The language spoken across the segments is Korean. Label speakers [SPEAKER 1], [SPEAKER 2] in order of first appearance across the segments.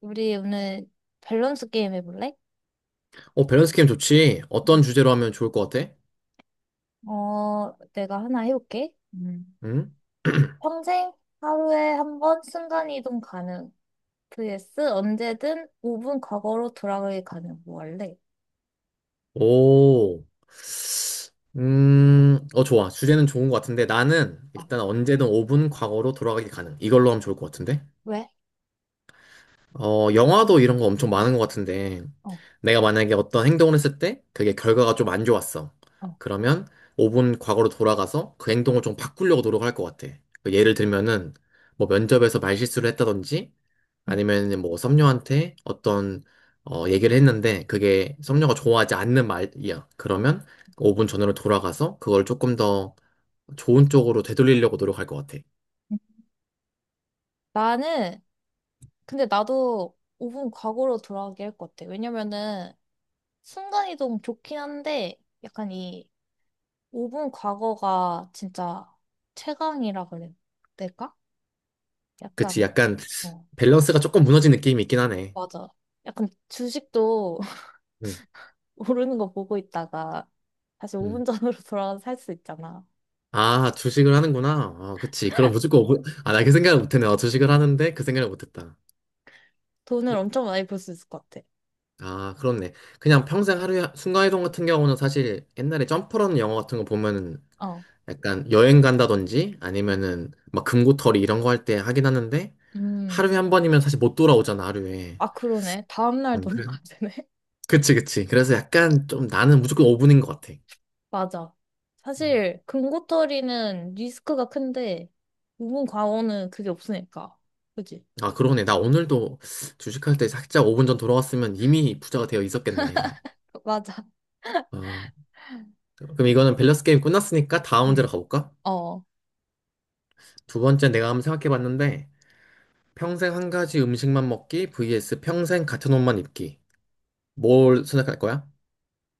[SPEAKER 1] 우리 오늘 밸런스 게임 해볼래?
[SPEAKER 2] 밸런스 게임 좋지. 어떤 주제로 하면 좋을 것 같아?
[SPEAKER 1] 내가 하나 해볼게. 음.
[SPEAKER 2] 응?
[SPEAKER 1] 평생 하루에 한 번 순간이동 가능. vs 언제든 5분 과거로 돌아가기 가능. 뭐 할래?
[SPEAKER 2] 오. 좋아. 주제는 좋은 것 같은데 나는
[SPEAKER 1] 어,
[SPEAKER 2] 일단 언제든 5분 과거로 돌아가기 가능. 이걸로 하면 좋을 것 같은데?
[SPEAKER 1] 왜?
[SPEAKER 2] 영화도 이런 거 엄청 많은 것 같은데
[SPEAKER 1] 어,
[SPEAKER 2] 내가 만약에 어떤 행동을 했을 때 그게 결과가 좀 안 좋았어.
[SPEAKER 1] 어.
[SPEAKER 2] 그러면 5분 과거로 돌아가서 그 행동을 좀 바꾸려고 노력할 것 같아. 그 예를 들면은 뭐 면접에서 말실수를 했다든지
[SPEAKER 1] 응.
[SPEAKER 2] 아니면 뭐 섭녀한테 어떤 얘기를 했는데 그게 섭녀가 좋아하지 않는 말이야. 그러면 5분 전으로 돌아가서 그걸 조금 더 좋은 쪽으로 되돌리려고 노력할 것 같아.
[SPEAKER 1] 응. 나는, 근데 나도 5분 과거로 돌아가게 할 것 같아. 왜냐면은 순간이동 좋긴 한데 약간 이 5분 과거가 진짜 최강이라 그래. 될까?
[SPEAKER 2] 그치,
[SPEAKER 1] 약간.
[SPEAKER 2] 약간
[SPEAKER 1] 어,
[SPEAKER 2] 밸런스가 조금 무너진 느낌이 있긴 하네.
[SPEAKER 1] 맞아. 약간 주식도
[SPEAKER 2] 음.
[SPEAKER 1] 오르는 거 보고 있다가 다시
[SPEAKER 2] 음.
[SPEAKER 1] 5분 전으로 돌아가서 살 수 있잖아.
[SPEAKER 2] 아, 주식을 하는구나. 아, 그치. 그럼 무조건 5분. 아, 나 그 생각을 못했네. 주식을 하는데 그 생각을 못했다.
[SPEAKER 1] 돈을 엄청 많이 벌 수 있을 것 같아.
[SPEAKER 2] 아, 그렇네. 그냥 평생 하루에 순간이동 같은 경우는 사실 옛날에 점프라는 영화 같은 거 보면은
[SPEAKER 1] 어.
[SPEAKER 2] 약간 여행 간다든지 아니면은 막 금고털이 이런 거 할 때 하긴 하는데
[SPEAKER 1] 음.
[SPEAKER 2] 하루에 한 번이면 사실 못 돌아오잖아, 하루에.
[SPEAKER 1] 아, 그러네. 다음날
[SPEAKER 2] 그래.
[SPEAKER 1] 돌아가야 되네.
[SPEAKER 2] 그치, 그치. 그래서 약간 좀 나는 무조건 5분인 것 같아.
[SPEAKER 1] 맞아.
[SPEAKER 2] 음.
[SPEAKER 1] 사실 금고털이는 리스크가 큰데 우분 과오는 그게 없으니까. 그지?
[SPEAKER 2] 아, 그러네. 나 오늘도 주식할 때 살짝 5분 전 돌아왔으면 이미 부자가 되어 있었겠네.
[SPEAKER 1] 맞아.
[SPEAKER 2] 어, 그럼 이거는 밸런스 게임 끝났으니까 다음 문제로
[SPEAKER 1] 음.
[SPEAKER 2] 가볼까?
[SPEAKER 1] 어.
[SPEAKER 2] 두 번째 내가 한번 생각해 봤는데 평생 한 가지 음식만 먹기 vs 평생 같은 옷만 입기. 뭘 선택할 거야?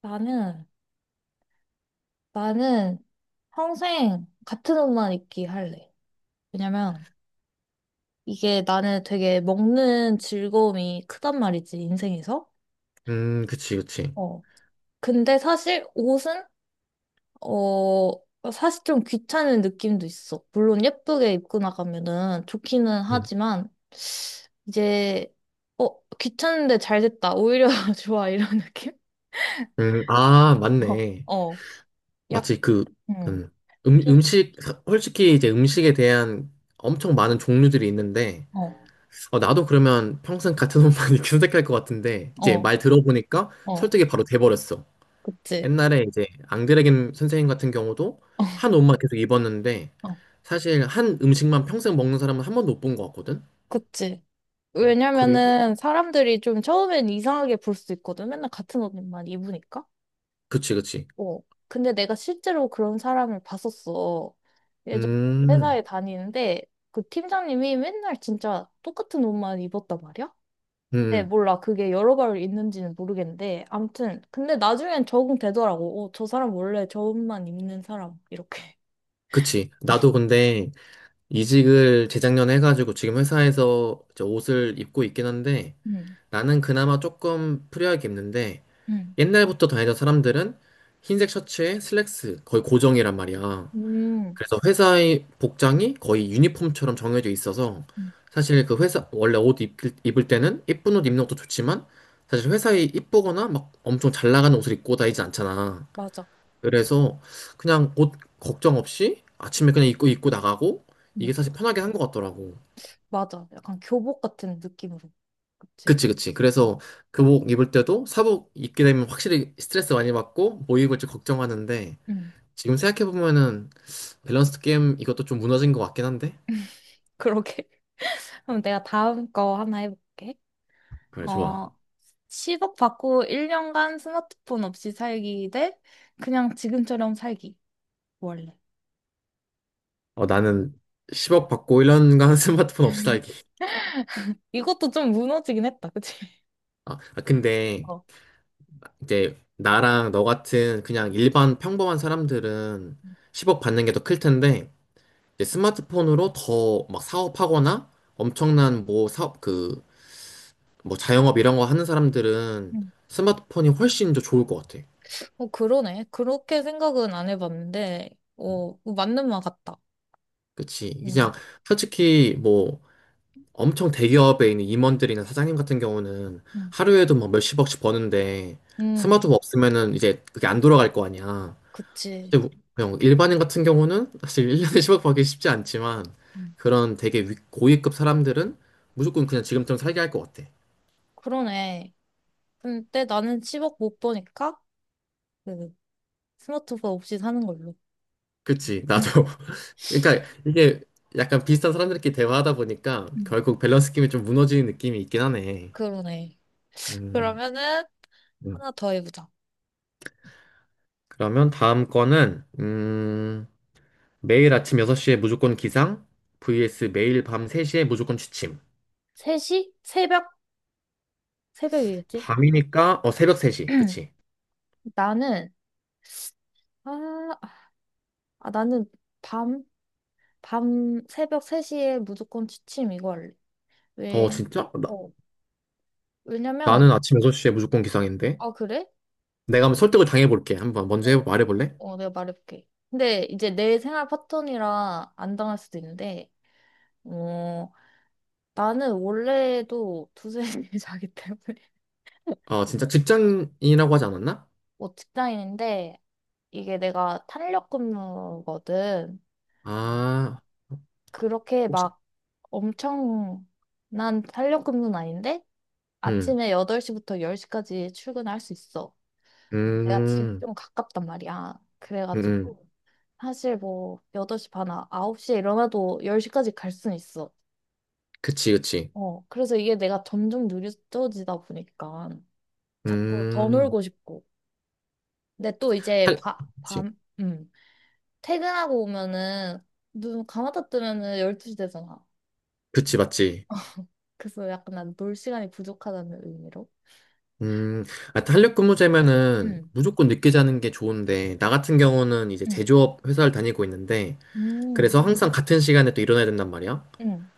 [SPEAKER 1] 나는 나는 평생 같은 옷만 입기 할래. 왜냐면 이게 나는 되게 먹는 즐거움이 크단 말이지, 인생에서.
[SPEAKER 2] 그치, 그치.
[SPEAKER 1] 어. 근데 사실 옷은, 어, 사실 좀 귀찮은 느낌도 있어. 물론 예쁘게 입고 나가면은 좋기는
[SPEAKER 2] 음.
[SPEAKER 1] 하지만, 이제, 귀찮은데 잘 됐다. 오히려 좋아. 이런 느낌?
[SPEAKER 2] 아,
[SPEAKER 1] 어,
[SPEAKER 2] 맞네.
[SPEAKER 1] 어. 약,
[SPEAKER 2] 마치 그,
[SPEAKER 1] 음.
[SPEAKER 2] 음,
[SPEAKER 1] 좀-
[SPEAKER 2] 음식, 솔직히 이제 음식에 대한 엄청 많은 종류들이 있는데,
[SPEAKER 1] 어,
[SPEAKER 2] 나도 그러면 평생 같은 옷만 이렇게 선택할 것 같은데, 이제
[SPEAKER 1] 어,
[SPEAKER 2] 말 들어보니까
[SPEAKER 1] 어.
[SPEAKER 2] 설득이 바로 돼버렸어.
[SPEAKER 1] 그치.
[SPEAKER 2] 옛날에 이제 앙드레겐 선생님 같은 경우도 한 옷만 계속 입었는데,
[SPEAKER 1] 어,
[SPEAKER 2] 사실 한 음식만 평생 먹는 사람은 한 번도 못 본 것 같거든?
[SPEAKER 1] 그치.
[SPEAKER 2] 그리고,
[SPEAKER 1] 왜냐면은 사람들이 좀 처음엔 이상하게 볼 수 있거든. 맨날 같은 옷만 입으니까.
[SPEAKER 2] 그치, 그치.
[SPEAKER 1] 어. 근데 내가 실제로 그런 사람을 봤었어. 예전
[SPEAKER 2] 음,
[SPEAKER 1] 회사에 다니는데 그 팀장님이 맨날 진짜 똑같은 옷만 입었단 말이야? 근데
[SPEAKER 2] 음,
[SPEAKER 1] 몰라. 그게 여러 벌 있는지는 모르겠는데. 아무튼. 근데 나중엔 적응되더라고. 저 사람 원래 저 옷만 입는 사람. 이렇게.
[SPEAKER 2] 그치. 나도 근데 이직을 재작년에 해가지고 지금 회사에서 이제 옷을 입고 있긴 한데
[SPEAKER 1] 음.
[SPEAKER 2] 나는 그나마 조금 프리하게 입는데
[SPEAKER 1] 음.
[SPEAKER 2] 옛날부터 다니던 사람들은 흰색 셔츠에 슬랙스 거의 고정이란 말이야.
[SPEAKER 1] 음.
[SPEAKER 2] 그래서 회사의 복장이 거의 유니폼처럼 정해져 있어서
[SPEAKER 1] 음.
[SPEAKER 2] 사실 그 회사 원래 입을 때는 예쁜 옷 입는 것도 좋지만 사실 회사에 이쁘거나 막 엄청 잘 나가는 옷을 입고 다니진 않잖아.
[SPEAKER 1] 맞아.
[SPEAKER 2] 그래서 그냥 옷 걱정 없이 아침에 그냥 입고 나가고
[SPEAKER 1] 음.
[SPEAKER 2] 이게 사실 편하게 한 것 같더라고.
[SPEAKER 1] 맞아. 약간 교복 같은 느낌으로. 그치?
[SPEAKER 2] 그치, 그치.
[SPEAKER 1] 응.
[SPEAKER 2] 그래서 교복 입을 때도 사복 입게 되면 확실히 스트레스 많이 받고 뭐 입을지 걱정하는데
[SPEAKER 1] 음,
[SPEAKER 2] 지금 생각해보면은 밸런스 게임 이것도 좀 무너진 것 같긴 한데.
[SPEAKER 1] 그러게. 그럼 내가 다음 거 하나 해볼게.
[SPEAKER 2] 그래, 좋아.
[SPEAKER 1] 어, 10억 받고 1년간 스마트폰 없이 살기 대 그냥 지금처럼 살기. 원래.
[SPEAKER 2] 나는 10억 받고 1년간 스마트폰 없이 살기.
[SPEAKER 1] 이것도 좀 무너지긴 했다, 그치?
[SPEAKER 2] 아, 아, 근데
[SPEAKER 1] 어.
[SPEAKER 2] 이제 나랑 너 같은 그냥 일반 평범한 사람들은 10억 받는 게 더 클 텐데 이제 스마트폰으로 더 막 사업하거나 엄청난 뭐 사업 그 뭐 자영업 이런 거 하는 사람들은
[SPEAKER 1] 음.
[SPEAKER 2] 스마트폰이 훨씬 더 좋을 것 같아.
[SPEAKER 1] 어, 그러네. 그렇게 생각은 안 해봤는데, 어, 맞는 말 같다.
[SPEAKER 2] 그치?
[SPEAKER 1] 음,
[SPEAKER 2] 그냥 솔직히 뭐 엄청 대기업에 있는 임원들이나 사장님 같은 경우는
[SPEAKER 1] 음,
[SPEAKER 2] 하루에도 막 몇십억씩 버는데
[SPEAKER 1] 음,
[SPEAKER 2] 스마트폰 없으면은 이제 그게 안 돌아갈 거 아니야.
[SPEAKER 1] 그치.
[SPEAKER 2] 근데 그냥 일반인 같은 경우는 사실 1년에 10억 받기 쉽지 않지만
[SPEAKER 1] 음,
[SPEAKER 2] 그런 되게 고위급 사람들은 무조건 그냥 지금처럼 살게 할 것 같아.
[SPEAKER 1] 그러네. 근데 나는 10억 못 버니까, 그, 스마트폰 없이 사는 걸로.
[SPEAKER 2] 그치?
[SPEAKER 1] 음.
[SPEAKER 2] 나도 그러니까 이게 약간 비슷한 사람들끼리 대화하다 보니까
[SPEAKER 1] 음.
[SPEAKER 2] 결국 밸런스 게임이 좀 무너지는 느낌이 있긴 하네.
[SPEAKER 1] 그러네.
[SPEAKER 2] 음,
[SPEAKER 1] 그러면은,
[SPEAKER 2] 음.
[SPEAKER 1] 하나 더 해보자.
[SPEAKER 2] 그러면 다음 거는 매일 아침 6시에 무조건 기상 vs 매일 밤 3시에 무조건 취침.
[SPEAKER 1] 3시? 새벽? 새벽이겠지?
[SPEAKER 2] 밤이니까 어 새벽 3시. 그치?
[SPEAKER 1] 나는, 아, 나는 밤, 새벽 3시에 무조건 취침 이거 할래.
[SPEAKER 2] 어
[SPEAKER 1] 왜, 음.
[SPEAKER 2] 진짜?
[SPEAKER 1] 어,
[SPEAKER 2] 나는
[SPEAKER 1] 왜냐면,
[SPEAKER 2] 아침 6시에 무조건 기상인데.
[SPEAKER 1] 아, 그래?
[SPEAKER 2] 내가 한번 설득을 당해볼게.
[SPEAKER 1] 어.
[SPEAKER 2] 말해볼래?
[SPEAKER 1] 내가 말해볼게. 근데 이제 내 생활 패턴이라 안 당할 수도 있는데, 어, 나는 원래도 2, 3시에 자기 때문에.
[SPEAKER 2] 어 진짜 직장인이라고 하지 않았나?
[SPEAKER 1] 뭐 직장인인데, 이게 내가 탄력 근무거든.
[SPEAKER 2] 아
[SPEAKER 1] 그렇게
[SPEAKER 2] 혹시
[SPEAKER 1] 막 엄청, 난 탄력근무는 아닌데,
[SPEAKER 2] 음,
[SPEAKER 1] 아침에 8시부터 10시까지 출근할 수 있어. 내가 집이
[SPEAKER 2] 음,
[SPEAKER 1] 좀 가깝단 말이야.
[SPEAKER 2] 음, 음.
[SPEAKER 1] 그래가지고, 사실 뭐, 8시 반, 홉시에 일어나도 10시까지 갈 순 있어.
[SPEAKER 2] 그치, 그치.
[SPEAKER 1] 그래서 이게 내가 점점 느려지다 보니까, 자꾸 더
[SPEAKER 2] 음,
[SPEAKER 1] 놀고 싶고. 근데 또 이제,
[SPEAKER 2] 할, 그치,
[SPEAKER 1] 퇴근하고 오면은, 눈 감았다 뜨면은 12시 되잖아.
[SPEAKER 2] 그치, 맞지.
[SPEAKER 1] 그래서 약간 난 놀 시간이 부족하다는 의미로.
[SPEAKER 2] 음, 아, 탄력 근무제면은
[SPEAKER 1] 응.
[SPEAKER 2] 무조건 늦게 자는 게 좋은데, 나 같은 경우는 이제
[SPEAKER 1] 응.
[SPEAKER 2] 제조업 회사를 다니고 있는데,
[SPEAKER 1] 음,
[SPEAKER 2] 그래서 항상 같은 시간에 또 일어나야 된단 말이야.
[SPEAKER 1] 음,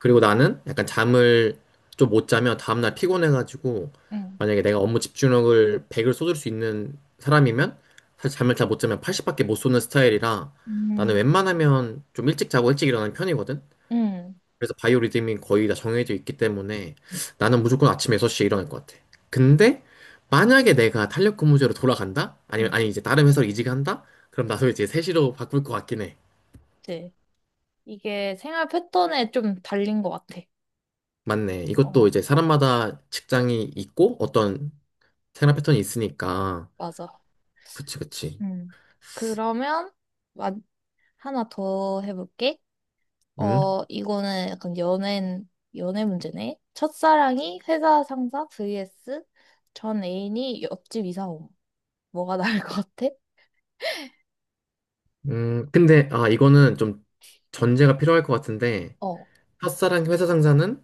[SPEAKER 2] 그리고 나는 약간 잠을 좀 못 자면 다음날 피곤해가지고,
[SPEAKER 1] 음,
[SPEAKER 2] 만약에 내가 업무 집중력을 100을 쏟을 수 있는 사람이면, 사실 잠을 잘 못 자면 80밖에 못 쏘는 스타일이라, 나는
[SPEAKER 1] 음,
[SPEAKER 2] 웬만하면 좀 일찍 자고 일찍 일어나는 편이거든.
[SPEAKER 1] 음,
[SPEAKER 2] 그래서 바이오 리듬이 거의 다 정해져 있기 때문에 나는 무조건 아침 6시에 일어날 것 같아. 근데 만약에 내가 탄력 근무제로 돌아간다?
[SPEAKER 1] 음.
[SPEAKER 2] 아니면 아니 이제 다른 회사로 이직한다? 그럼 나도 이제 3시로 바꿀 것 같긴 해.
[SPEAKER 1] 네. 이게 생활 패턴에 좀 달린 것 같아.
[SPEAKER 2] 맞네.
[SPEAKER 1] 어,
[SPEAKER 2] 이것도 이제 사람마다 직장이 있고 어떤 생활 패턴이 있으니까.
[SPEAKER 1] 맞아.
[SPEAKER 2] 그치, 그치.
[SPEAKER 1] 음, 그러면 마- 하나 더 해볼게.
[SPEAKER 2] 응?
[SPEAKER 1] 이거는 약간 연애 문제네. 첫사랑이 회사 상사 vs 전 애인이 옆집 이사옴. 뭐가 나을 것 같아?
[SPEAKER 2] 근데 아 이거는 좀 전제가 필요할 것 같은데
[SPEAKER 1] 어.
[SPEAKER 2] 첫사랑 회사 상사는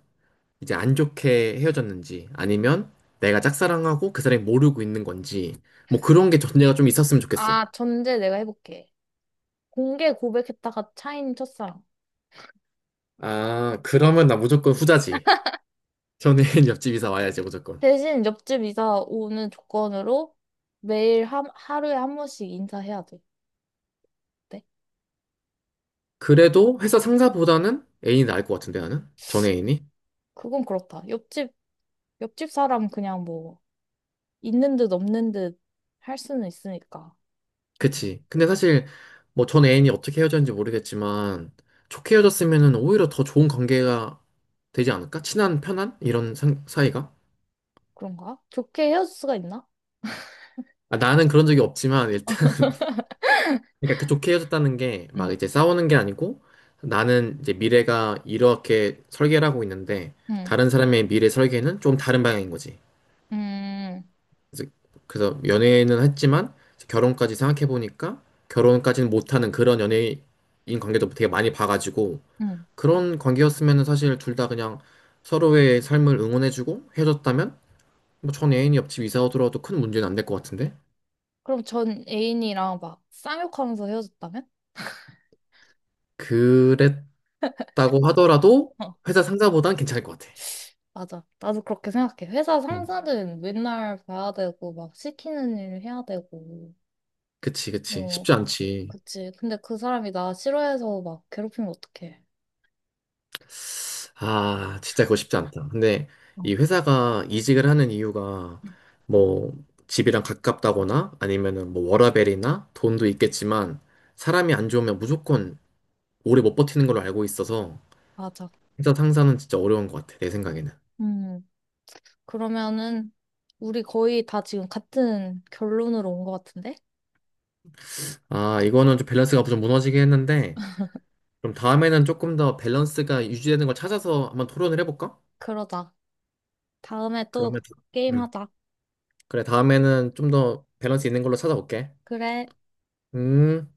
[SPEAKER 2] 이제 안 좋게 헤어졌는지 아니면 내가 짝사랑하고 그 사람이 모르고 있는 건지 뭐 그런 게 전제가 좀 있었으면 좋겠어.
[SPEAKER 1] 아, 전제 내가 해볼게. 공개 고백했다가 차인 첫사랑.
[SPEAKER 2] 아, 그러면 나 무조건 후자지. 전애인 옆집 이사 와야지 무조건.
[SPEAKER 1] 대신 옆집 이사 오는 조건으로 하루에 한 번씩 인사해야 돼. 네?
[SPEAKER 2] 그래도 회사 상사보다는 애인이 나을 것 같은데 나는? 전 애인이?
[SPEAKER 1] 그건 그렇다. 옆집 사람 그냥 뭐, 있는 듯 없는 듯 할 수는 있으니까. 그-
[SPEAKER 2] 그치. 근데 사실 뭐 전 애인이 어떻게 헤어졌는지 모르겠지만 좋게 헤어졌으면은 오히려 더 좋은 관계가 되지 않을까? 친한, 편한? 이런 사이가?
[SPEAKER 1] 그런가? 좋게 헤어질 수가 있나?
[SPEAKER 2] 아, 나는 그런 적이 없지만 일단 그러니까 그 좋게 헤어졌다는 게 막
[SPEAKER 1] 응,
[SPEAKER 2] 이제 싸우는 게 아니고 나는 이제 미래가 이렇게 설계를 하고 있는데
[SPEAKER 1] 응,
[SPEAKER 2] 다른 사람의 미래 설계는 좀 다른 방향인 거지.
[SPEAKER 1] 응,
[SPEAKER 2] 그래서, 그래서 연애는 했지만 결혼까지 생각해 보니까 결혼까지는 못하는 그런 연예인 관계도 되게 많이 봐가지고
[SPEAKER 1] 응.
[SPEAKER 2] 그런 관계였으면 사실 둘 다 그냥 서로의 삶을 응원해주고 헤어졌다면 뭐 전 애인이 옆집 이사 오더라도 큰 문제는 안 될 것 같은데
[SPEAKER 1] 그럼 전 애인이랑 막 쌍욕하면서 헤어졌다면?
[SPEAKER 2] 그랬다고 하더라도
[SPEAKER 1] 어,
[SPEAKER 2] 회사 상사보단 괜찮을 것 같아.
[SPEAKER 1] 맞아. 나도 그렇게 생각해. 회사 상사는 맨날 봐야 되고, 막 시키는 일 해야 되고.
[SPEAKER 2] 그치, 그치.
[SPEAKER 1] 어,
[SPEAKER 2] 쉽지 않지.
[SPEAKER 1] 그치. 근데 그 사람이 나 싫어해서 막 괴롭히면 어떡해.
[SPEAKER 2] 아, 진짜 그거 쉽지 않다. 근데
[SPEAKER 1] 어,
[SPEAKER 2] 이 회사가 이직을 하는 이유가 뭐 집이랑 가깝다거나 아니면은 뭐 워라밸이나 돈도 있겠지만 사람이 안 좋으면 무조건 오래 못 버티는 걸로 알고 있어서
[SPEAKER 1] 맞아.
[SPEAKER 2] 회사 상사는 진짜 어려운 것 같아, 내 생각에는.
[SPEAKER 1] 음, 그러면은 우리 거의 다 지금 같은 결론으로 온 것 같은데?
[SPEAKER 2] 아, 이거는 좀 밸런스가 좀 무너지긴 했는데 그럼 다음에는 조금 더 밸런스가 유지되는 걸 찾아서 한번 토론을 해볼까?
[SPEAKER 1] 그러자. 다음에 또
[SPEAKER 2] 그러면, 음.
[SPEAKER 1] 게임하자.
[SPEAKER 2] 그래, 다음에는 좀 더 밸런스 있는 걸로 찾아올게.
[SPEAKER 1] 그래.
[SPEAKER 2] 음.